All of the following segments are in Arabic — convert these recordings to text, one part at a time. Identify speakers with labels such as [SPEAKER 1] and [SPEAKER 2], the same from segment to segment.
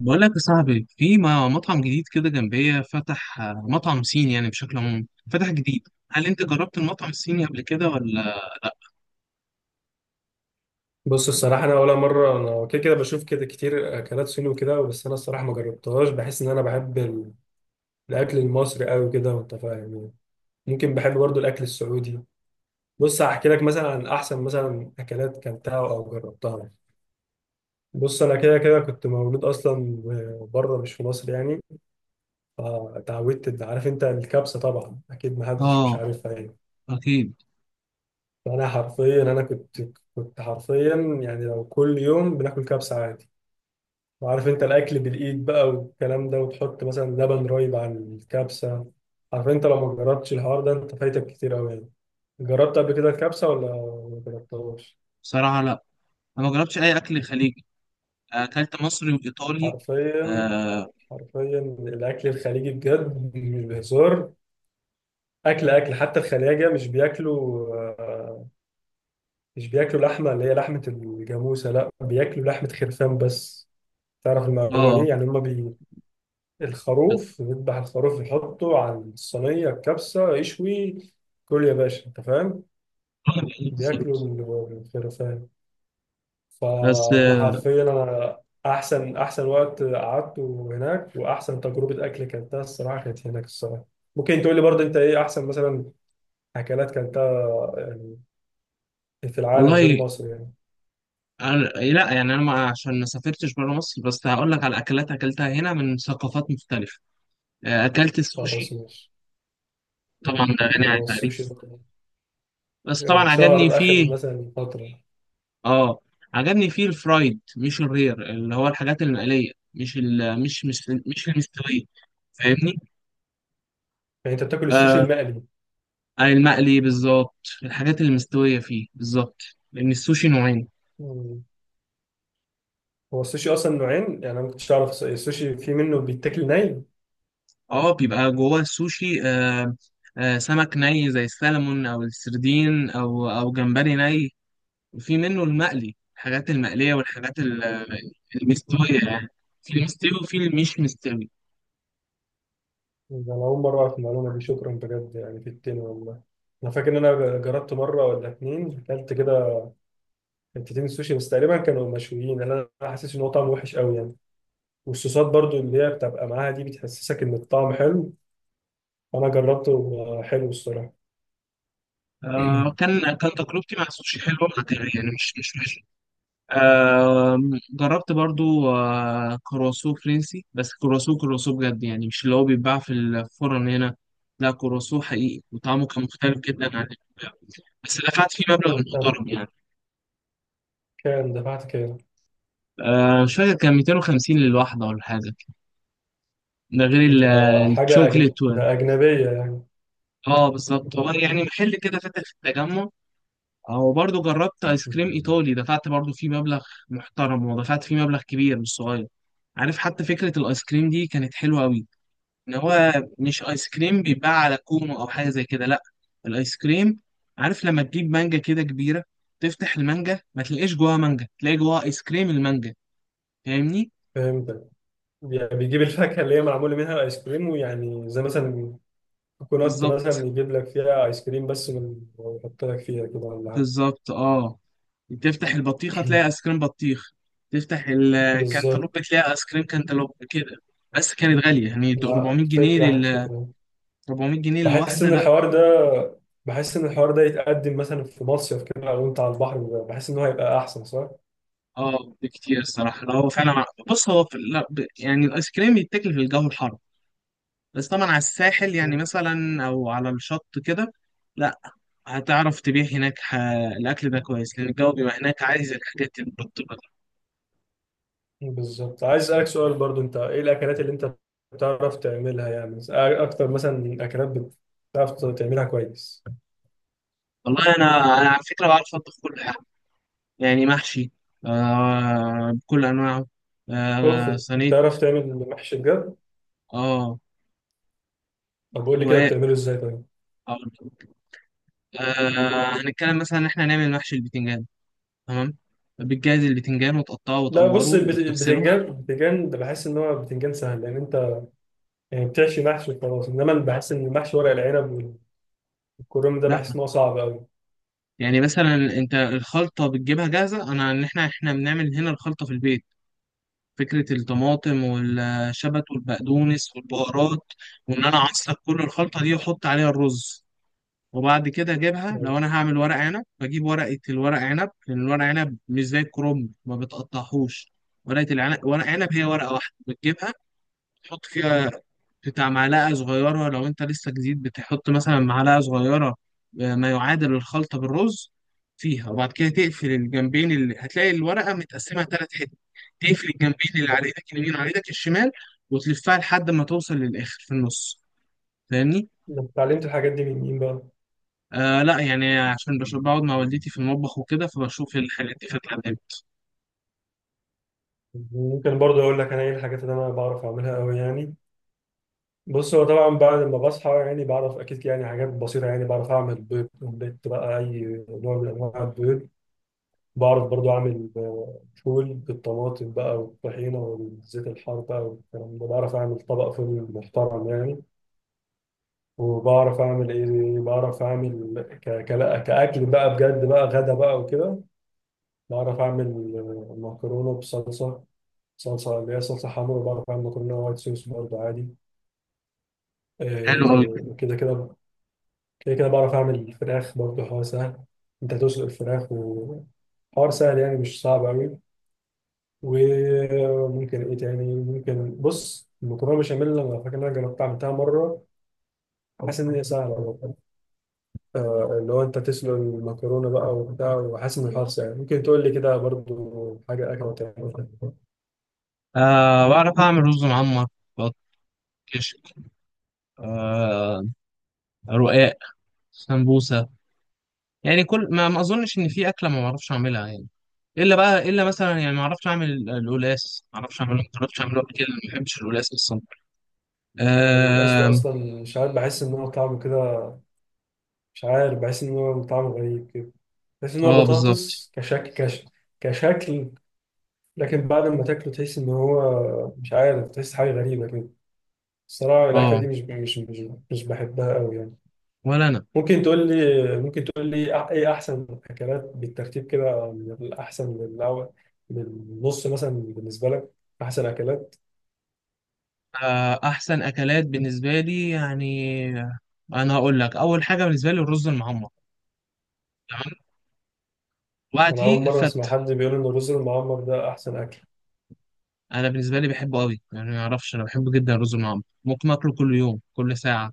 [SPEAKER 1] بقول لك يا صاحبي في مطعم جديد كده جنبية فتح مطعم صيني يعني بشكل عام فتح جديد. هل انت جربت المطعم الصيني قبل كده ولا؟
[SPEAKER 2] بص، الصراحة أنا أول مرة أنا كده كده بشوف كده كتير أكلات صيني وكده. بس أنا الصراحة ما جربتهاش. بحس إن أنا بحب الأكل المصري أوي كده، وأنت فاهم يعني. ممكن بحب برضو الأكل السعودي. بص هحكي لك مثلا عن أحسن مثلا أكلات كلتها أو جربتها. بص أنا كده كده كنت مولود أصلا بره، مش في مصر يعني. فتعودت عارف أنت الكبسة، طبعا أكيد محدش مش
[SPEAKER 1] اه،
[SPEAKER 2] عارفها يعني.
[SPEAKER 1] اكيد.
[SPEAKER 2] فأنا حرفيا أنا كنت حرفيا، يعني لو كل يوم بناكل كبسة عادي. وعارف انت الاكل بالايد بقى والكلام ده، وتحط مثلا لبن رايب على الكبسه. عارف انت لو ما جربتش الحوار ده انت فايتك كتير قوي يعني. جربت قبل كده الكبسه ولا ما جربتهاش؟
[SPEAKER 1] بصراحة لا، انا ما جربتش اي اكل خليجي، اكلت مصري وايطالي.
[SPEAKER 2] حرفيا
[SPEAKER 1] اه.
[SPEAKER 2] حرفيا الاكل الخليجي بجد مش بهزار. اكل اكل حتى الخلاجه مش بياكلوا لحمه، اللي هي لحمه الجاموسه، لا بياكلوا لحمه خرفان بس. تعرف المعلومه دي
[SPEAKER 1] آه،
[SPEAKER 2] يعني؟ هم الخروف، يذبح الخروف يحطه على الصينية الكبسة يشوي. كل يا باشا أنت فاهم.
[SPEAKER 1] بالظبط.
[SPEAKER 2] بياكلوا الخرفان.
[SPEAKER 1] بس
[SPEAKER 2] فأنا حرفيا أنا. أحسن وقت قعدته هناك وأحسن تجربة أكل كانتها الصراحة كانت هناك الصراحة. ممكن تقول لي برضه أنت إيه أحسن مثلا أكلات كانتها يعني في العالم غير
[SPEAKER 1] والله.
[SPEAKER 2] مصر يعني؟
[SPEAKER 1] أنا- لا يعني انا ما عشان ما سافرتش بره مصر، بس هقول لك على اكلات اكلتها هنا من ثقافات مختلفة. اكلت
[SPEAKER 2] خلاص
[SPEAKER 1] السوشي،
[SPEAKER 2] ماشي.
[SPEAKER 1] طبعا ده غني
[SPEAKER 2] ما
[SPEAKER 1] عن
[SPEAKER 2] هو السوشي
[SPEAKER 1] التعريف،
[SPEAKER 2] ده
[SPEAKER 1] بس طبعا
[SPEAKER 2] اتشهر
[SPEAKER 1] عجبني
[SPEAKER 2] آخر
[SPEAKER 1] فيه.
[SPEAKER 2] مثلا فترة يعني.
[SPEAKER 1] اه، عجبني فيه الفرايد مش الرير، اللي هو الحاجات المقلية، مش ال مش مش مش المستوية. فاهمني؟
[SPEAKER 2] أنت بتاكل السوشي
[SPEAKER 1] آه،
[SPEAKER 2] المقلي؟
[SPEAKER 1] المقلي بالظبط، الحاجات المستوية فيه بالظبط، لأن السوشي نوعين.
[SPEAKER 2] هو السوشي اصلا نوعين، يعني انا ما كنتش اعرف. السوشي في منه بيتاكل ني؟
[SPEAKER 1] اه، بيبقى جوه السوشي آه، آه سمك ني زي السلمون أو السردين أو جمبري ني، وفي منه المقلي، الحاجات المقلية والحاجات المستوية يعني. في المستوي وفي المش مستوي.
[SPEAKER 2] ده انا اول مره اعرف المعلومه دي، شكرا بجد يعني في التين والله. انا فاكر ان انا جربت مره ولا اتنين، اكلت كده حتتين سوشي بس، تقريبا كانوا مشويين. انا أنا حاسس ان هو طعمه وحش قوي يعني. والصوصات برضو اللي هي بتبقى معاها دي بتحسسك ان الطعم حلو. انا جربته، حلو الصراحه.
[SPEAKER 1] آه، كان تجربتي مع السوشي حلوة، يعني مش مش جربت برضو كرواسو فرنسي، بس كرواسو، بجد يعني، مش اللي هو بيتباع في الفرن هنا. لا، كرواسو حقيقي، وطعمه كان مختلف جدا عن اللي بيتباع. بس دفعت فيه مبلغ
[SPEAKER 2] طب
[SPEAKER 1] محترم يعني.
[SPEAKER 2] كان دفعت كام؟
[SPEAKER 1] مش فاكر، كان 250 للواحدة ولا حاجة، ده غير
[SPEAKER 2] ده
[SPEAKER 1] الشوكليت
[SPEAKER 2] ده اجنبيه يعني.
[SPEAKER 1] اه بالظبط. هو يعني محل كده فاتح في التجمع. هو برضو جربت ايس كريم ايطالي، دفعت برضو فيه مبلغ محترم، ودفعت فيه مبلغ كبير مش صغير. عارف، حتى فكرة الايس كريم دي كانت حلوة قوي. ان هو مش ايس كريم بيتباع على كومو او حاجه زي كده، لا، الايس كريم عارف لما تجيب مانجا كده كبيره، تفتح المانجا ما تلاقيش جواها مانجا، تلاقي جواها ايس كريم المانجا. فاهمني؟
[SPEAKER 2] فهمتك. يعني بيجيب الفاكهة اللي هي معمولة منها الآيس كريم، ويعني زي مثلا كوكونات مثلا
[SPEAKER 1] بالظبط،
[SPEAKER 2] يجيب لك فيها ايس كريم ويحط لك فيها كده، ولا حاجه؟
[SPEAKER 1] بالظبط اه. تفتح البطيخه تلاقي ايس كريم بطيخ، تفتح الكنتالوب
[SPEAKER 2] بالظبط.
[SPEAKER 1] تلاقي ايس كريم كنتالوب كده. بس كانت غاليه يعني، ده
[SPEAKER 2] لا،
[SPEAKER 1] 400 جنيه
[SPEAKER 2] فكره
[SPEAKER 1] لل
[SPEAKER 2] فكره.
[SPEAKER 1] 400 جنيه
[SPEAKER 2] بحس
[SPEAKER 1] للواحده.
[SPEAKER 2] ان
[SPEAKER 1] لا،
[SPEAKER 2] الحوار ده بحس ان الحوار ده يتقدم مثلا في مصيف كده، او انت على البحر. بحس ان هو هيبقى احسن، صح؟
[SPEAKER 1] اه بكتير الصراحه. لا هو فعلا، بص هو في... لا ب... يعني الايس كريم يتاكل في الجو الحر، بس طبعا على الساحل يعني،
[SPEAKER 2] مم.
[SPEAKER 1] مثلا او على الشط كده. لا، هتعرف تبيع هناك ح... الاكل ده كويس لان الجو بيبقى هناك عايز الحاجات المرطبه دي.
[SPEAKER 2] بالظبط. عايز اسالك سؤال برضو، انت ايه الاكلات اللي انت بتعرف تعملها يعني اكتر مثلا اكلات بتعرف تعملها كويس؟
[SPEAKER 1] والله انا على فكره بعرف اطبخ كل حاجه، يعني محشي آه بكل انواعه،
[SPEAKER 2] اوف،
[SPEAKER 1] آه صينيه،
[SPEAKER 2] بتعرف تعمل محشي بجد؟
[SPEAKER 1] اه
[SPEAKER 2] طب قول لي كده
[SPEAKER 1] رقاق.
[SPEAKER 2] بتعمله ازاي طيب.
[SPEAKER 1] آه، هنتكلم مثلا ان احنا نعمل محشي البتنجان. تمام، بتجهز البتنجان وتقطعه
[SPEAKER 2] لا،
[SPEAKER 1] وتقوره
[SPEAKER 2] بص البت-
[SPEAKER 1] وتغسله.
[SPEAKER 2] البتنجان البتنجان ده بحس ان هو بتنجان سهل، لان انت يعني بتحشي محشي وخلاص. انما اللي بحس ان محشي ورق العنب والكرنب ده
[SPEAKER 1] لا
[SPEAKER 2] بحس ان هو صعب قوي.
[SPEAKER 1] يعني، مثلا انت الخلطه بتجيبها جاهزه، انا ان احنا بنعمل هنا الخلطه في البيت. فكرة الطماطم والشبت والبقدونس والبهارات، وإن أنا أعصر كل الخلطة دي وأحط عليها الرز، وبعد كده أجيبها. لو أنا هعمل ورق عنب، بجيب ورقة الورق عنب، لأن الورق عنب مش زي الكرنب ما بتقطعهوش، ورقة العنب، ورق عنب، هي ورقة واحدة بتجيبها، تحط فيها بتاع معلقة صغيرة. لو أنت لسه جديد، بتحط مثلا معلقة صغيرة ما يعادل الخلطة بالرز فيها، وبعد كده تقفل الجنبين، اللي هتلاقي الورقة متقسمة ثلاث حتت، تقفل الجنبين اللي على إيدك اليمين وعلى إيدك الشمال، وتلفها لحد ما توصل للآخر في النص. فاهمني؟
[SPEAKER 2] انا اتعلمت الحاجات دي من مين بقى؟
[SPEAKER 1] آه لا، يعني عشان بشوف بقعد مع والدتي في المطبخ وكده، فبشوف الحاجات دي فتعلمت.
[SPEAKER 2] ممكن برضه اقول لك انا ايه الحاجات اللي انا بعرف اعملها قوي يعني. بص هو طبعا بعد ما بصحى يعني بعرف اكيد يعني حاجات بسيطه، يعني بعرف اعمل بيض اومليت بقى، اي نوع من انواع البيض. بعرف برضو أعمل فول بالطماطم بقى والطحينة والزيت الحار بقى والكلام ده. بعرف أعمل طبق فول محترم يعني. وبعرف أعمل إيه، بعرف أعمل كأكل بقى بجد بقى غدا بقى وكده. بعرف أعمل مكرونة بصلصة، صلصة اللي هي صلصة حمرا. بعرف أعمل مكرونة وايت صوص برضو عادي.
[SPEAKER 1] حلو أوي.
[SPEAKER 2] آه، كده كده كده كده بعرف أعمل فراخ برضو، حوار سهل. أنت تسلق الفراخ وحوار سهل، يعني مش صعب أوي. وممكن ايه تاني ممكن؟ بص، المكرونه بشاميل انا فاكر ان انا جربتها عملتها مره. حاسس ان هي سهله برضه. اللي هو انت تسلق المكرونه بقى وبتاع. وحاسس ان الحرص يعني. ممكن تقول لي كده برضو حاجه اكله تعملها؟
[SPEAKER 1] آه بعرف أعمل رز معمر، بط- كشك، آه رقاق، سمبوسة. يعني كل ما اظنش ان في اكله ما بعرفش اعملها يعني، الا بقى الا مثلا يعني ما اعرفش اعمل القلاص، ما اعرفش اعمله، ما جربتش اعمله قبل كده، ما بحبش القلاص اصلا.
[SPEAKER 2] القلقاس ده
[SPEAKER 1] اه،
[SPEAKER 2] اصلا مش عارف بحس ان هو طعمه كده مش عارف بحس ان هو طعمه غريب كده. بحس ان هو
[SPEAKER 1] آه بالظبط.
[SPEAKER 2] بطاطس كشكل، لكن بعد ما تاكله تحس ان هو مش عارف، تحس حاجه غريبه كده. الصراحه الاكله
[SPEAKER 1] اه،
[SPEAKER 2] دي مش بحبها قوي يعني.
[SPEAKER 1] ولا انا.
[SPEAKER 2] ممكن تقول لي ايه احسن اكلات بالترتيب كده من الاحسن للاول، من النص مثلا بالنسبه لك، احسن اكلات؟
[SPEAKER 1] آه، احسن اكلات بالنسبه لي يعني، انا هقول لك اول حاجه بالنسبه لي الرز المعمر. تمام،
[SPEAKER 2] انا اول
[SPEAKER 1] وبعديه
[SPEAKER 2] مره
[SPEAKER 1] الفت.
[SPEAKER 2] اسمع حد بيقول ان الرز المعمر ده احسن اكل.
[SPEAKER 1] انا بالنسبه لي بحبه قوي يعني، ما اعرفش، انا بحبه جدا الرز المعمر، ممكن اكله كل يوم كل ساعه.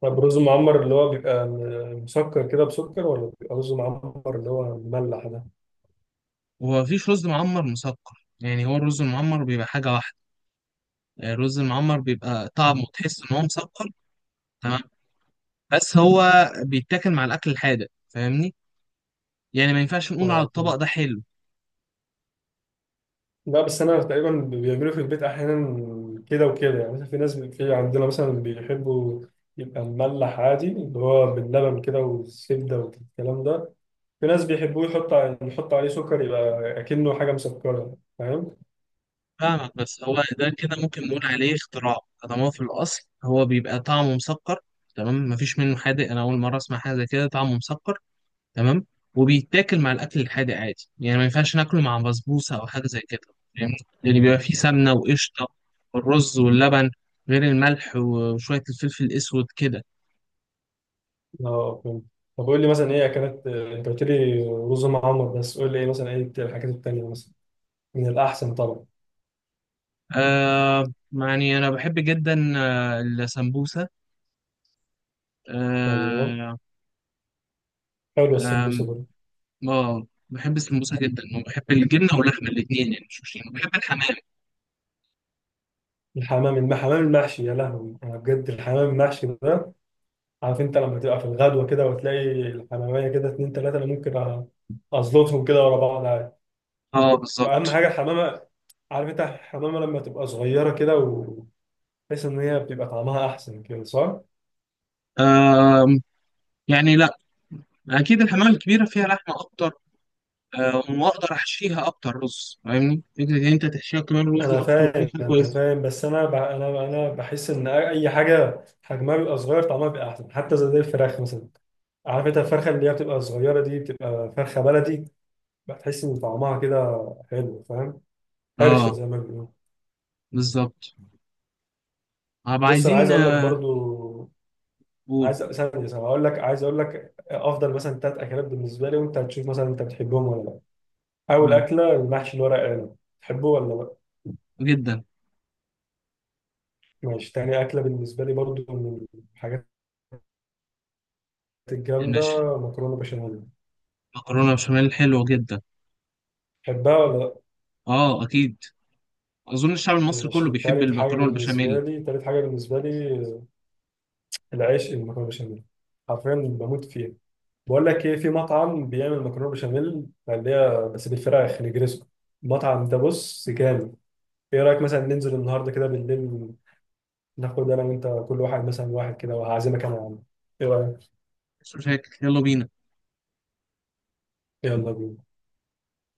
[SPEAKER 2] طب الرز المعمر اللي هو بيبقى مسكر كده بسكر، ولا بيبقى رز معمر اللي هو مملح ده؟
[SPEAKER 1] ومفيش رز معمر مسكر يعني، هو الرز المعمر بيبقى حاجه واحده، الرز المعمر بيبقى طعمه تحس ان هو مسكر. تمام، بس هو بيتاكل مع الاكل الحادق، فاهمني؟ يعني ما ينفعش نقول على
[SPEAKER 2] اه
[SPEAKER 1] الطبق
[SPEAKER 2] فهمت.
[SPEAKER 1] ده حلو.
[SPEAKER 2] لا بس انا تقريبا بيعملوا في البيت احيانا كده وكده، يعني مثلا في عندنا مثلا بيحبوا يبقى مملح عادي، اللي هو باللبن كده والزبده والكلام ده. في ناس بيحبوه يحط عليه سكر، يبقى اكنه حاجه مسكره، فاهم؟
[SPEAKER 1] فاهمك، بس هو ده كده ممكن نقول عليه اختراع، طالما هو في الاصل هو بيبقى طعمه مسكر. تمام، مفيش منه حادق، انا اول مره اسمع حاجه زي كده طعمه مسكر. تمام، وبيتاكل مع الاكل الحادق عادي يعني، ما ينفعش ناكله مع بسبوسه او حاجه زي كده، فاهمني؟ يعني بيبقى فيه سمنه وقشطه والرز واللبن، غير الملح وشويه الفلفل الاسود كده.
[SPEAKER 2] اه فهمت. طب قول لي مثلا ايه اكلات؟ انت قلت لي رز معمر بس، قول لي ايه مثلا، ايه الحاجات التانيه مثلا من الاحسن طبعا.
[SPEAKER 1] آه يعني أنا بحب جدا آه السمبوسة،
[SPEAKER 2] ايوه،
[SPEAKER 1] آه.
[SPEAKER 2] حلوه السمبوسه
[SPEAKER 1] آم،
[SPEAKER 2] برضه.
[SPEAKER 1] آه، بحب السمبوسة جدا، وبحب الجبنة واللحمة الاتنين، يعني مش مشكلة، بحب الحمام.
[SPEAKER 2] الحمام المحشي، يا لهوي انا بجد الحمام المحشي ده. عارف انت لما تبقى في الغدوه كده وتلاقي الحماميه كده اتنين تلاته، انا ازلطهم كده ورا بعض عادي.
[SPEAKER 1] اه
[SPEAKER 2] واهم
[SPEAKER 1] بالظبط.
[SPEAKER 2] حاجه الحمامه. عارف انت الحمامه لما تبقى صغيره كده بحيث ان هي بتبقى طعمها احسن كده، صح؟
[SPEAKER 1] آم، يعني لا، أكيد الحمام الكبيرة فيها لحمة أكتر، آه وأقدر أحشيها أكتر رز. فاهمني؟ فكرة إن أنت تحشيها كمان رز
[SPEAKER 2] انا
[SPEAKER 1] أكتر دي
[SPEAKER 2] فاهم
[SPEAKER 1] حاجة
[SPEAKER 2] انا
[SPEAKER 1] كويسة.
[SPEAKER 2] فاهم بس انا ب... انا انا بحس ان اي حاجه حجمها بيبقى صغير طعمها بيبقى احسن، حتى زي الفراخ مثلا. عارف انت الفرخه اللي هي بتبقى صغيره دي بتبقى فرخه بلدي، بتحس ان طعمها كده حلو، فاهم؟ حرشه
[SPEAKER 1] اه
[SPEAKER 2] زي ما بيقولوا.
[SPEAKER 1] بالظبط، هبقى
[SPEAKER 2] بص انا عايز
[SPEAKER 1] عايزين
[SPEAKER 2] اقول لك برضو،
[SPEAKER 1] قول.
[SPEAKER 2] عايز ثانيه ثانيه هقول لك، عايز اقول لك افضل مثلا 3 اكلات بالنسبه لي، وانت هتشوف مثلا انت بتحبهم ولا لا. اول
[SPEAKER 1] قول،
[SPEAKER 2] اكله المحشي الورق عنب، تحبه ولا لا؟
[SPEAKER 1] جدا.
[SPEAKER 2] ماشي. تاني اكله بالنسبه لي برضو، من الحاجات
[SPEAKER 1] المشي.
[SPEAKER 2] الجامده، مكرونه بشاميل.
[SPEAKER 1] مكرونة بشاميل حلوة جدا،
[SPEAKER 2] بحبها ولا لأ؟
[SPEAKER 1] اه أكيد، اظن الشعب المصري كله
[SPEAKER 2] ماشي.
[SPEAKER 1] بيحب
[SPEAKER 2] تالت حاجة
[SPEAKER 1] المكرونه
[SPEAKER 2] بالنسبة
[SPEAKER 1] والبشاميل.
[SPEAKER 2] لي، العيش المكرونة بشاميل، حرفيا بموت فيها. بقول لك إيه، في مطعم بيعمل مكرونة بشاميل اللي هي بس بالفراخ نجرسكو. المطعم ده بص جامد. إيه رأيك مثلا ننزل النهاردة كده بالليل، ناخد أنا وأنت كل واحد مثلا واحد كده، وهعزمك أنا يا عم؟ إيه رأيك؟
[SPEAKER 1] مش فاكر، يلا بينا.
[SPEAKER 2] يلا بينا.